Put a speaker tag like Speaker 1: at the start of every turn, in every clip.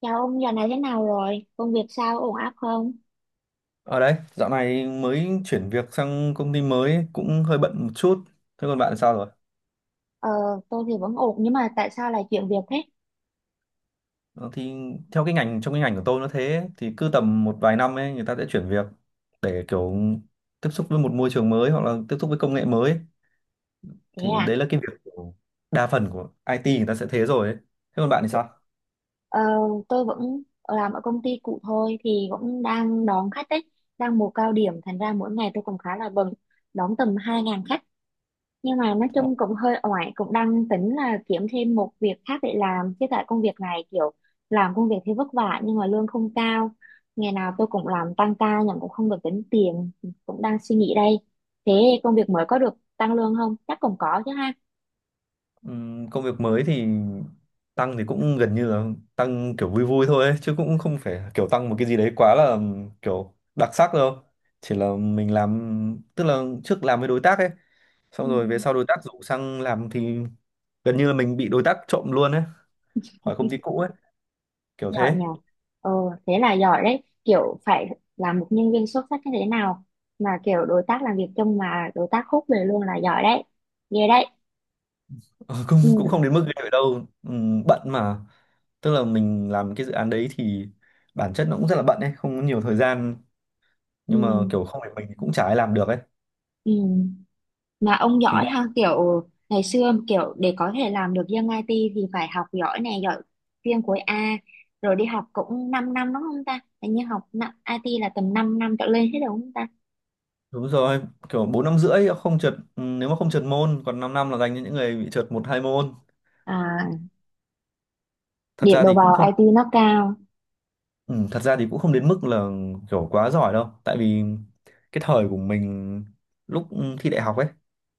Speaker 1: Chào ông, giờ này thế nào rồi? Công việc sao, ổn áp không?
Speaker 2: Ở đây, dạo này mới chuyển việc sang công ty mới ấy, cũng hơi bận một chút. Thế còn bạn sao rồi?
Speaker 1: Ờ, tôi thì vẫn ổn, nhưng mà tại sao lại chuyển việc thế?
Speaker 2: Ờ, Thì theo cái ngành trong cái ngành của tôi nó thế, thì cứ tầm một vài năm ấy người ta sẽ chuyển việc để kiểu tiếp xúc với một môi trường mới hoặc là tiếp xúc với công nghệ mới ấy.
Speaker 1: Thế
Speaker 2: Thì
Speaker 1: à?
Speaker 2: đấy là cái việc của đa phần của IT, người ta sẽ thế rồi ấy. Thế còn bạn thì
Speaker 1: Thế-
Speaker 2: sao?
Speaker 1: Ờ, tôi vẫn làm ở công ty cũ thôi, thì cũng đang đón khách đấy, đang mùa cao điểm, thành ra mỗi ngày tôi cũng khá là bận, đón tầm 2.000 khách. Nhưng mà nói chung cũng hơi oải, cũng đang tính là kiếm thêm một việc khác để làm chứ tại công việc này kiểu làm công việc thì vất vả nhưng mà lương không cao. Ngày nào tôi cũng làm tăng ca nhưng cũng không được tính tiền, cũng đang suy nghĩ đây. Thế công việc mới có được tăng lương không, chắc cũng có chứ ha.
Speaker 2: Công việc mới thì tăng thì cũng gần như là tăng kiểu vui vui thôi ấy, chứ cũng không phải kiểu tăng một cái gì đấy quá là kiểu đặc sắc đâu. Chỉ là mình làm, tức là trước làm với đối tác ấy,
Speaker 1: Ừ.
Speaker 2: xong rồi về sau đối tác rủ sang làm thì gần như là mình bị đối tác trộm luôn ấy, khỏi công ty cũ ấy, kiểu
Speaker 1: Giỏi
Speaker 2: thế.
Speaker 1: nhờ. Ờ thế là giỏi đấy, kiểu phải là một nhân viên xuất sắc như thế nào mà kiểu đối tác làm việc chung mà đối tác khúc về luôn là giỏi đấy, ghê đấy.
Speaker 2: Ờ, cũng cũng
Speaker 1: Ừ,
Speaker 2: không đến mức ghê vậy đâu. Bận mà, tức là mình làm cái dự án đấy thì bản chất nó cũng rất là bận ấy, không có nhiều thời gian,
Speaker 1: ừ,
Speaker 2: nhưng mà kiểu không phải mình thì cũng chả ai làm được ấy.
Speaker 1: ừ. Mà ông
Speaker 2: Thì
Speaker 1: giỏi ha, kiểu ngày xưa kiểu để có thể làm được dân IT thì phải học giỏi nè, giỏi chuyên khối A rồi đi học cũng 5 năm đúng không ta, hình như IT là tầm 5 năm trở lên hết rồi đúng không ta.
Speaker 2: Đúng rồi, kiểu 4 năm rưỡi không trượt, nếu mà không trượt môn, còn 5 năm là dành cho những người bị trượt một hai môn.
Speaker 1: À,
Speaker 2: Thật
Speaker 1: điểm
Speaker 2: ra
Speaker 1: đầu
Speaker 2: thì cũng
Speaker 1: vào
Speaker 2: không
Speaker 1: IT nó cao.
Speaker 2: ừ, Thật ra thì cũng không đến mức là kiểu quá giỏi đâu, tại vì cái thời của mình, lúc thi đại học ấy,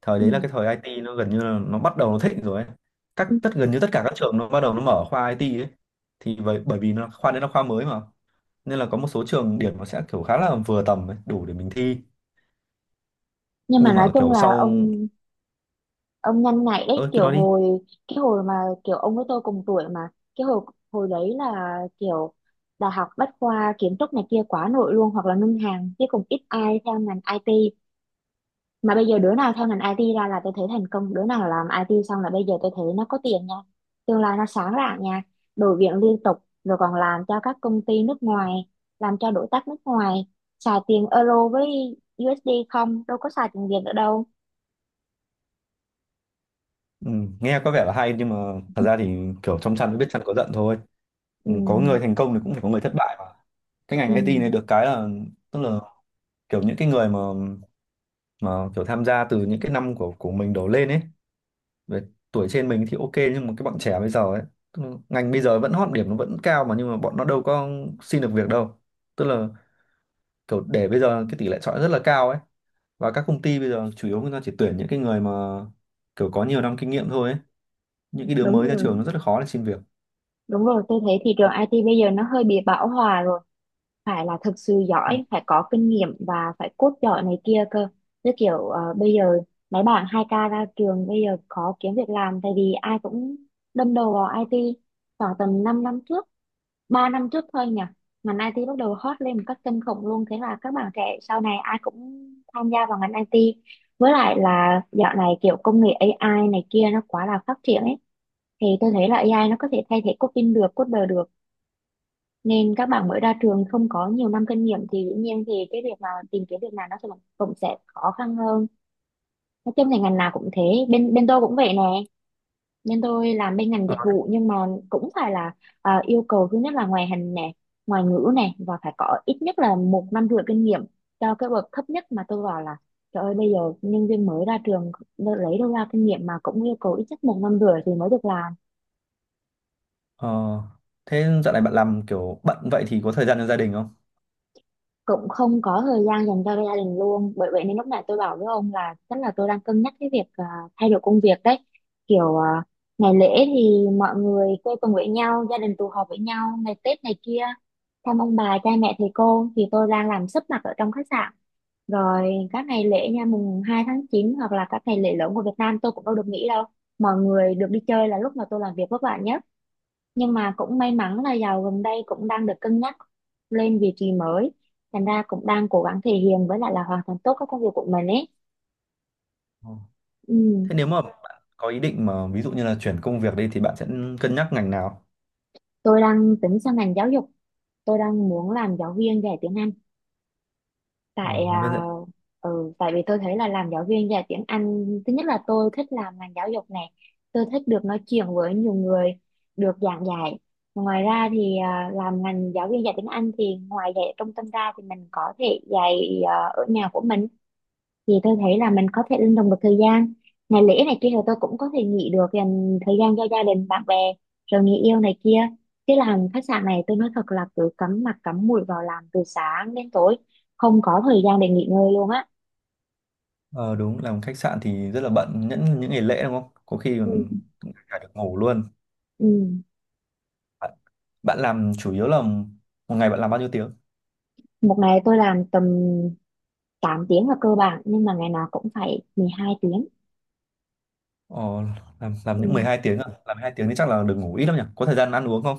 Speaker 2: thời
Speaker 1: Ừ.
Speaker 2: đấy là cái thời IT nó gần như là nó bắt đầu nó thịnh rồi ấy. Các
Speaker 1: Ừ.
Speaker 2: tất gần như tất cả các trường nó bắt đầu nó mở khoa IT ấy. Thì bởi bởi vì nó khoa đấy là khoa mới mà, nên là có một số trường điểm nó sẽ kiểu khá là vừa tầm ấy, đủ để mình thi.
Speaker 1: Nhưng mà
Speaker 2: Nhưng
Speaker 1: nói
Speaker 2: mà
Speaker 1: chung
Speaker 2: kiểu
Speaker 1: là
Speaker 2: sau
Speaker 1: ông nhanh nhạy đấy,
Speaker 2: ơ cứ
Speaker 1: kiểu
Speaker 2: nói đi.
Speaker 1: cái hồi mà kiểu ông với tôi cùng tuổi mà cái hồi hồi đấy là kiểu đại học bách khoa, kiến trúc này kia quá nổi luôn hoặc là ngân hàng chứ cũng ít ai theo ngành IT. Mà bây giờ đứa nào theo ngành IT ra là tôi thấy thành công, đứa nào làm IT xong là bây giờ tôi thấy nó có tiền nha, tương lai nó sáng rạng nha, đổi việc liên tục, rồi còn làm cho các công ty nước ngoài, làm cho đối tác nước ngoài, xài tiền euro với USD không, đâu có xài tiền Việt nữa đâu.
Speaker 2: Ừ, nghe có vẻ là hay nhưng mà thật ra thì kiểu trong chăn mới biết chăn có giận thôi.
Speaker 1: Ừ,
Speaker 2: Ừ, có người thành công thì cũng phải có người thất bại mà. Cái
Speaker 1: ừ,
Speaker 2: ngành IT này được cái là, tức là kiểu những cái người mà kiểu tham gia từ những cái năm của mình đổ lên ấy, về tuổi trên mình thì ok, nhưng mà cái bọn trẻ bây giờ ấy, tức là ngành bây giờ vẫn hot, điểm nó vẫn cao mà, nhưng mà bọn nó đâu có xin được việc đâu, tức là kiểu để bây giờ cái tỷ lệ chọi rất là cao ấy, và các công ty bây giờ chủ yếu người ta chỉ tuyển những cái người mà kiểu có nhiều năm kinh nghiệm thôi ấy, những cái đứa mới
Speaker 1: đúng
Speaker 2: ra
Speaker 1: rồi.
Speaker 2: trường nó rất là khó để xin việc.
Speaker 1: Đúng rồi, tôi thấy thị trường IT bây giờ nó hơi bị bão hòa rồi. Phải là thực sự
Speaker 2: Ừ.
Speaker 1: giỏi, phải có kinh nghiệm và phải code giỏi này kia cơ. Như kiểu bây giờ mấy bạn 2K ra trường bây giờ khó kiếm việc làm tại vì ai cũng đâm đầu vào IT khoảng tầm 5 năm trước, 3 năm trước thôi nhỉ. Ngành IT bắt đầu hot lên một cách kinh khủng luôn. Thế là các bạn trẻ sau này ai cũng tham gia vào ngành IT. Với lại là dạo này kiểu công nghệ AI này kia nó quá là phát triển ấy, thì tôi thấy là AI nó có thể thay thế coding được, coder được, nên các bạn mới ra trường không có nhiều năm kinh nghiệm thì dĩ nhiên thì cái việc mà tìm kiếm việc làm nó sẽ cũng sẽ khó khăn hơn. Nói chung thì ngành nào cũng thế, bên bên tôi cũng vậy nè, bên tôi làm bên ngành
Speaker 2: Ờ,
Speaker 1: dịch vụ nhưng mà cũng phải là, à, yêu cầu thứ nhất là ngoại hình nè, ngoại ngữ nè, và phải có ít nhất là 1,5 năm kinh nghiệm cho cái bậc thấp nhất mà tôi vào. Là trời ơi bây giờ nhân viên mới ra trường lấy đâu ra kinh nghiệm mà cũng yêu cầu ít nhất 1,5 năm thì mới được làm.
Speaker 2: ờ, thế dạo này bạn làm kiểu bận vậy thì có thời gian cho gia đình không?
Speaker 1: Cũng không có thời gian dành cho gia đình luôn, bởi vậy nên lúc này tôi bảo với ông là chắc là tôi đang cân nhắc cái việc, à, thay đổi công việc đấy, kiểu à, ngày lễ thì mọi người quây quần với nhau, gia đình tụ họp với nhau ngày Tết này kia, thăm ông bà cha mẹ thầy cô thì tôi đang làm sấp mặt ở trong khách sạn, rồi các ngày lễ nha, 2/9 hoặc là các ngày lễ lớn của Việt Nam tôi cũng đâu được nghỉ đâu, mọi người được đi chơi là lúc mà tôi làm việc vất vả nhất. Nhưng mà cũng may mắn là giàu gần đây cũng đang được cân nhắc lên vị trí mới, thành ra cũng đang cố gắng thể hiện với lại là hoàn thành tốt các công việc của mình ấy.
Speaker 2: Ờ.
Speaker 1: Ừ.
Speaker 2: Thế nếu mà bạn có ý định mà ví dụ như là chuyển công việc đi thì bạn sẽ cân nhắc ngành nào?
Speaker 1: Tôi đang tính sang ngành giáo dục, tôi đang muốn làm giáo viên dạy tiếng Anh. tại
Speaker 2: Ờ, là
Speaker 1: à,
Speaker 2: bên dạy-
Speaker 1: ừ, tại vì tôi thấy là làm giáo viên dạy tiếng Anh thứ nhất là tôi thích làm ngành giáo dục này, tôi thích được nói chuyện với nhiều người, được giảng dạy, ngoài ra thì à, làm ngành giáo viên dạy tiếng Anh thì ngoài dạy ở trung tâm ra thì mình có thể dạy, ở nhà của mình thì tôi thấy là mình có thể linh động được thời gian, ngày lễ này kia thì tôi cũng có thể nghỉ được, dành thời gian cho gia đình bạn bè, rồi người yêu này kia, chứ làm khách sạn này tôi nói thật là cứ cắm mặt cắm mũi vào làm từ sáng đến tối, không có thời gian để nghỉ ngơi luôn á.
Speaker 2: Ờ đúng, làm khách sạn thì rất là bận những ngày lễ đúng không? Có khi
Speaker 1: Ừ.
Speaker 2: còn cả được ngủ luôn.
Speaker 1: Ừ.
Speaker 2: Bạn, bạn làm chủ yếu là một ngày bạn làm bao nhiêu tiếng?
Speaker 1: Một ngày tôi làm tầm 8 tiếng là cơ bản nhưng mà ngày nào cũng phải 12 tiếng.
Speaker 2: Ờ, làm những mười
Speaker 1: Ừ.
Speaker 2: hai tiếng à? Làm hai tiếng thì chắc là được ngủ ít lắm nhỉ? Có thời gian ăn uống không?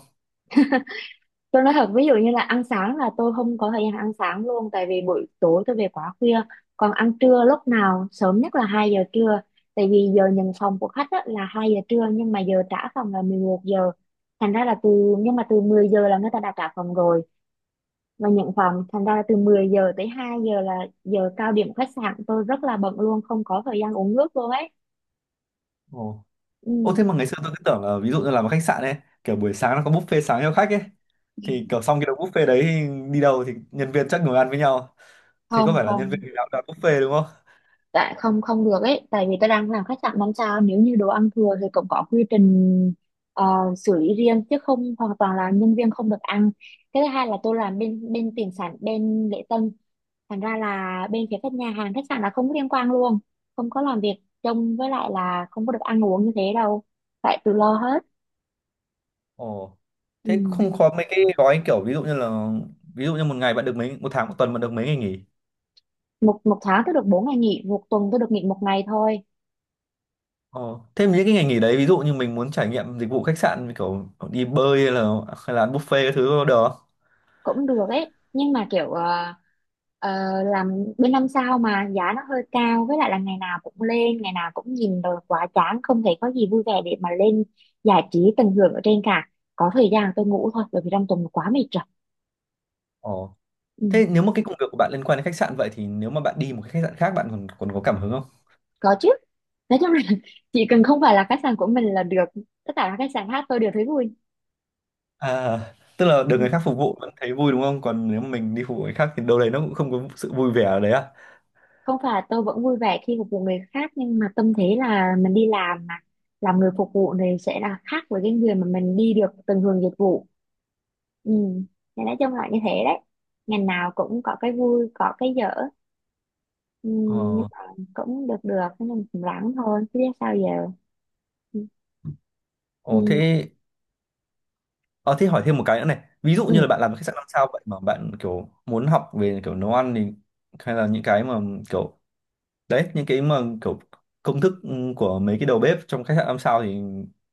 Speaker 1: Tôi nói thật, ví dụ như là ăn sáng là tôi không có thời gian ăn sáng luôn tại vì buổi tối tôi về quá khuya. Còn ăn trưa lúc nào sớm nhất là 2 giờ trưa. Tại vì giờ nhận phòng của khách á, là 2 giờ trưa nhưng mà giờ trả phòng là 11 giờ. Thành ra là từ, nhưng mà từ 10 giờ là người ta đã trả phòng rồi và nhận phòng. Thành ra là từ 10 giờ tới 2 giờ là giờ cao điểm khách sạn tôi rất là bận luôn, không có thời gian uống nước luôn ấy.
Speaker 2: Ờ.
Speaker 1: Ừ,
Speaker 2: Ô thế mà ngày xưa tôi cứ tưởng là ví dụ như làm ở khách sạn ấy, kiểu buổi sáng nó có buffet sáng cho khách ấy. Thì kiểu xong cái đầu buffet đấy thì đi đâu thì nhân viên chắc ngồi ăn với nhau. Thì có
Speaker 1: không
Speaker 2: phải là nhân
Speaker 1: không,
Speaker 2: viên nào đặt buffet đúng không?
Speaker 1: tại không không được ấy, tại vì tôi đang làm khách sạn 5 sao, nếu như đồ ăn thừa thì cũng có quy trình, ờ, xử lý riêng chứ không hoàn toàn là nhân viên không được ăn. Cái thứ hai là tôi làm bên bên tiền sản, bên lễ tân, thành ra là bên phía các nhà hàng khách sạn là không có liên quan luôn, không có làm việc trông với lại là không có được ăn uống như thế đâu, phải tự lo hết.
Speaker 2: Ồ. Thế
Speaker 1: Ừ.
Speaker 2: không có mấy cái gói kiểu ví dụ như một ngày bạn được mấy, một tháng một tuần bạn được mấy ngày nghỉ.
Speaker 1: một một tháng tôi được 4 ngày nghỉ, một tuần tôi được nghỉ một ngày thôi.
Speaker 2: Ồ. Thế những cái ngày nghỉ đấy ví dụ như mình muốn trải nghiệm dịch vụ khách sạn như kiểu đi bơi, hay là ăn buffet cái thứ được không?
Speaker 1: Cũng được ấy nhưng mà kiểu, ờ, làm bên 5 sao mà giá nó hơi cao, với lại là ngày nào cũng lên ngày nào cũng nhìn rồi quá chán, không thấy có gì vui vẻ để mà lên giải trí tận hưởng ở trên cả, có thời gian tôi ngủ thôi bởi vì trong tuần quá mệt rồi.
Speaker 2: Ồ.
Speaker 1: Ừ,
Speaker 2: Thế nếu mà cái công việc của bạn liên quan đến khách sạn vậy thì nếu mà bạn đi một cái khách sạn khác bạn còn còn có cảm hứng không?
Speaker 1: có chứ, nói chung là chỉ cần không phải là khách sạn của mình là được, tất cả các khách sạn khác tôi đều thấy vui.
Speaker 2: À, tức là được người khác
Speaker 1: Ừ.
Speaker 2: phục vụ vẫn thấy vui đúng không? Còn nếu mình đi phục vụ người khác thì đâu đấy nó cũng không có sự vui vẻ ở đấy à?
Speaker 1: Không phải, tôi vẫn vui vẻ khi phục vụ người khác nhưng mà tâm thế là mình đi làm mà, làm người phục vụ thì sẽ là khác với cái người mà mình đi được từng hưởng dịch vụ. Ừ, thì nói chung là như thế đấy, ngành nào cũng có cái vui có cái dở. Ừ, nhưng
Speaker 2: Ờ,
Speaker 1: mà cũng được được nên mà cũng ráng thôi chứ biết sao giờ. Ừ,
Speaker 2: ồ
Speaker 1: ừ,
Speaker 2: thế, ờ, thế hỏi thêm một cái nữa này. Ví dụ
Speaker 1: ừ,
Speaker 2: như là bạn làm khách sạn năm sao vậy mà bạn kiểu muốn học về kiểu nấu ăn thì, hay là kiểu những cái mà kiểu công thức của mấy cái đầu bếp trong khách sạn năm sao thì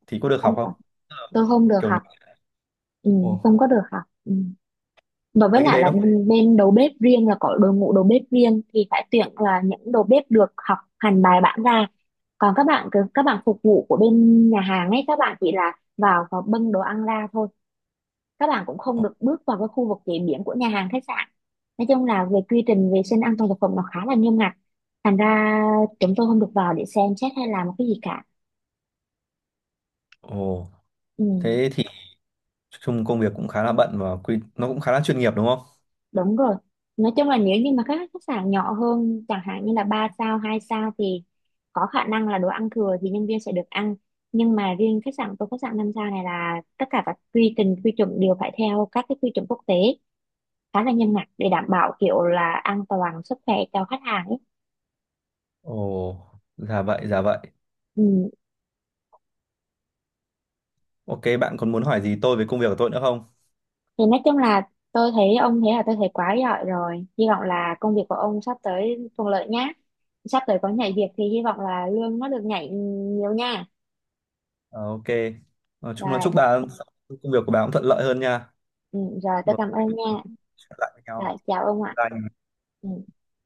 Speaker 2: có được
Speaker 1: không
Speaker 2: học
Speaker 1: được,
Speaker 2: không? Tức là
Speaker 1: tôi không được
Speaker 2: Kiểu
Speaker 1: học. Ừ,
Speaker 2: Ồ,
Speaker 1: không có được học. Ừ. Và với
Speaker 2: mấy cái
Speaker 1: lại
Speaker 2: đấy
Speaker 1: là
Speaker 2: nó cũng
Speaker 1: bên bên đầu bếp riêng là có đội ngũ đầu bếp riêng thì phải tuyển là những đầu bếp được học hành bài bản ra. Còn các bạn phục vụ của bên nhà hàng ấy các bạn chỉ là vào và bưng đồ ăn ra thôi. Các bạn cũng không
Speaker 2: ồ,
Speaker 1: được bước vào cái khu vực chế biến của nhà hàng khách sạn. Nói chung là về quy trình vệ sinh an toàn thực phẩm nó khá là nghiêm ngặt. Thành ra chúng tôi không được vào để xem xét hay làm một cái gì cả.
Speaker 2: ồ,
Speaker 1: Ừ.
Speaker 2: thế thì chung công việc cũng khá là bận và quy nó cũng khá là chuyên nghiệp đúng không?
Speaker 1: Đúng rồi. Nói chung là nếu như mà các khách sạn nhỏ hơn, chẳng hạn như là 3 sao, 2 sao thì có khả năng là đồ ăn thừa thì nhân viên sẽ được ăn. Nhưng mà riêng khách sạn, tôi khách sạn 5 sao này là tất cả các quy trình, quy chuẩn đều phải theo các cái quy chuẩn quốc tế khá là nghiêm ngặt để đảm bảo kiểu là an toàn sức khỏe cho khách hàng ấy.
Speaker 2: Ồ, dạ vậy, dạ vậy.
Speaker 1: Ừ.
Speaker 2: Ok, bạn còn muốn hỏi gì tôi về công việc của tôi nữa không?
Speaker 1: Thì nói chung là tôi thấy ông thế là tôi thấy quá giỏi rồi. Hy vọng là công việc của ông sắp tới thuận lợi nhé. Sắp tới có nhảy việc thì hy vọng là lương nó được nhảy nhiều nha.
Speaker 2: Ờ, ok. Nói chung là
Speaker 1: Rồi.
Speaker 2: chúc bà công việc của bà cũng thuận lợi hơn nha.
Speaker 1: Ừ, rồi tôi
Speaker 2: Rồi,
Speaker 1: cảm ơn
Speaker 2: mình
Speaker 1: nha.
Speaker 2: sẽ lại với nhau.
Speaker 1: Rồi chào ông ạ.
Speaker 2: Bye.
Speaker 1: Ừ.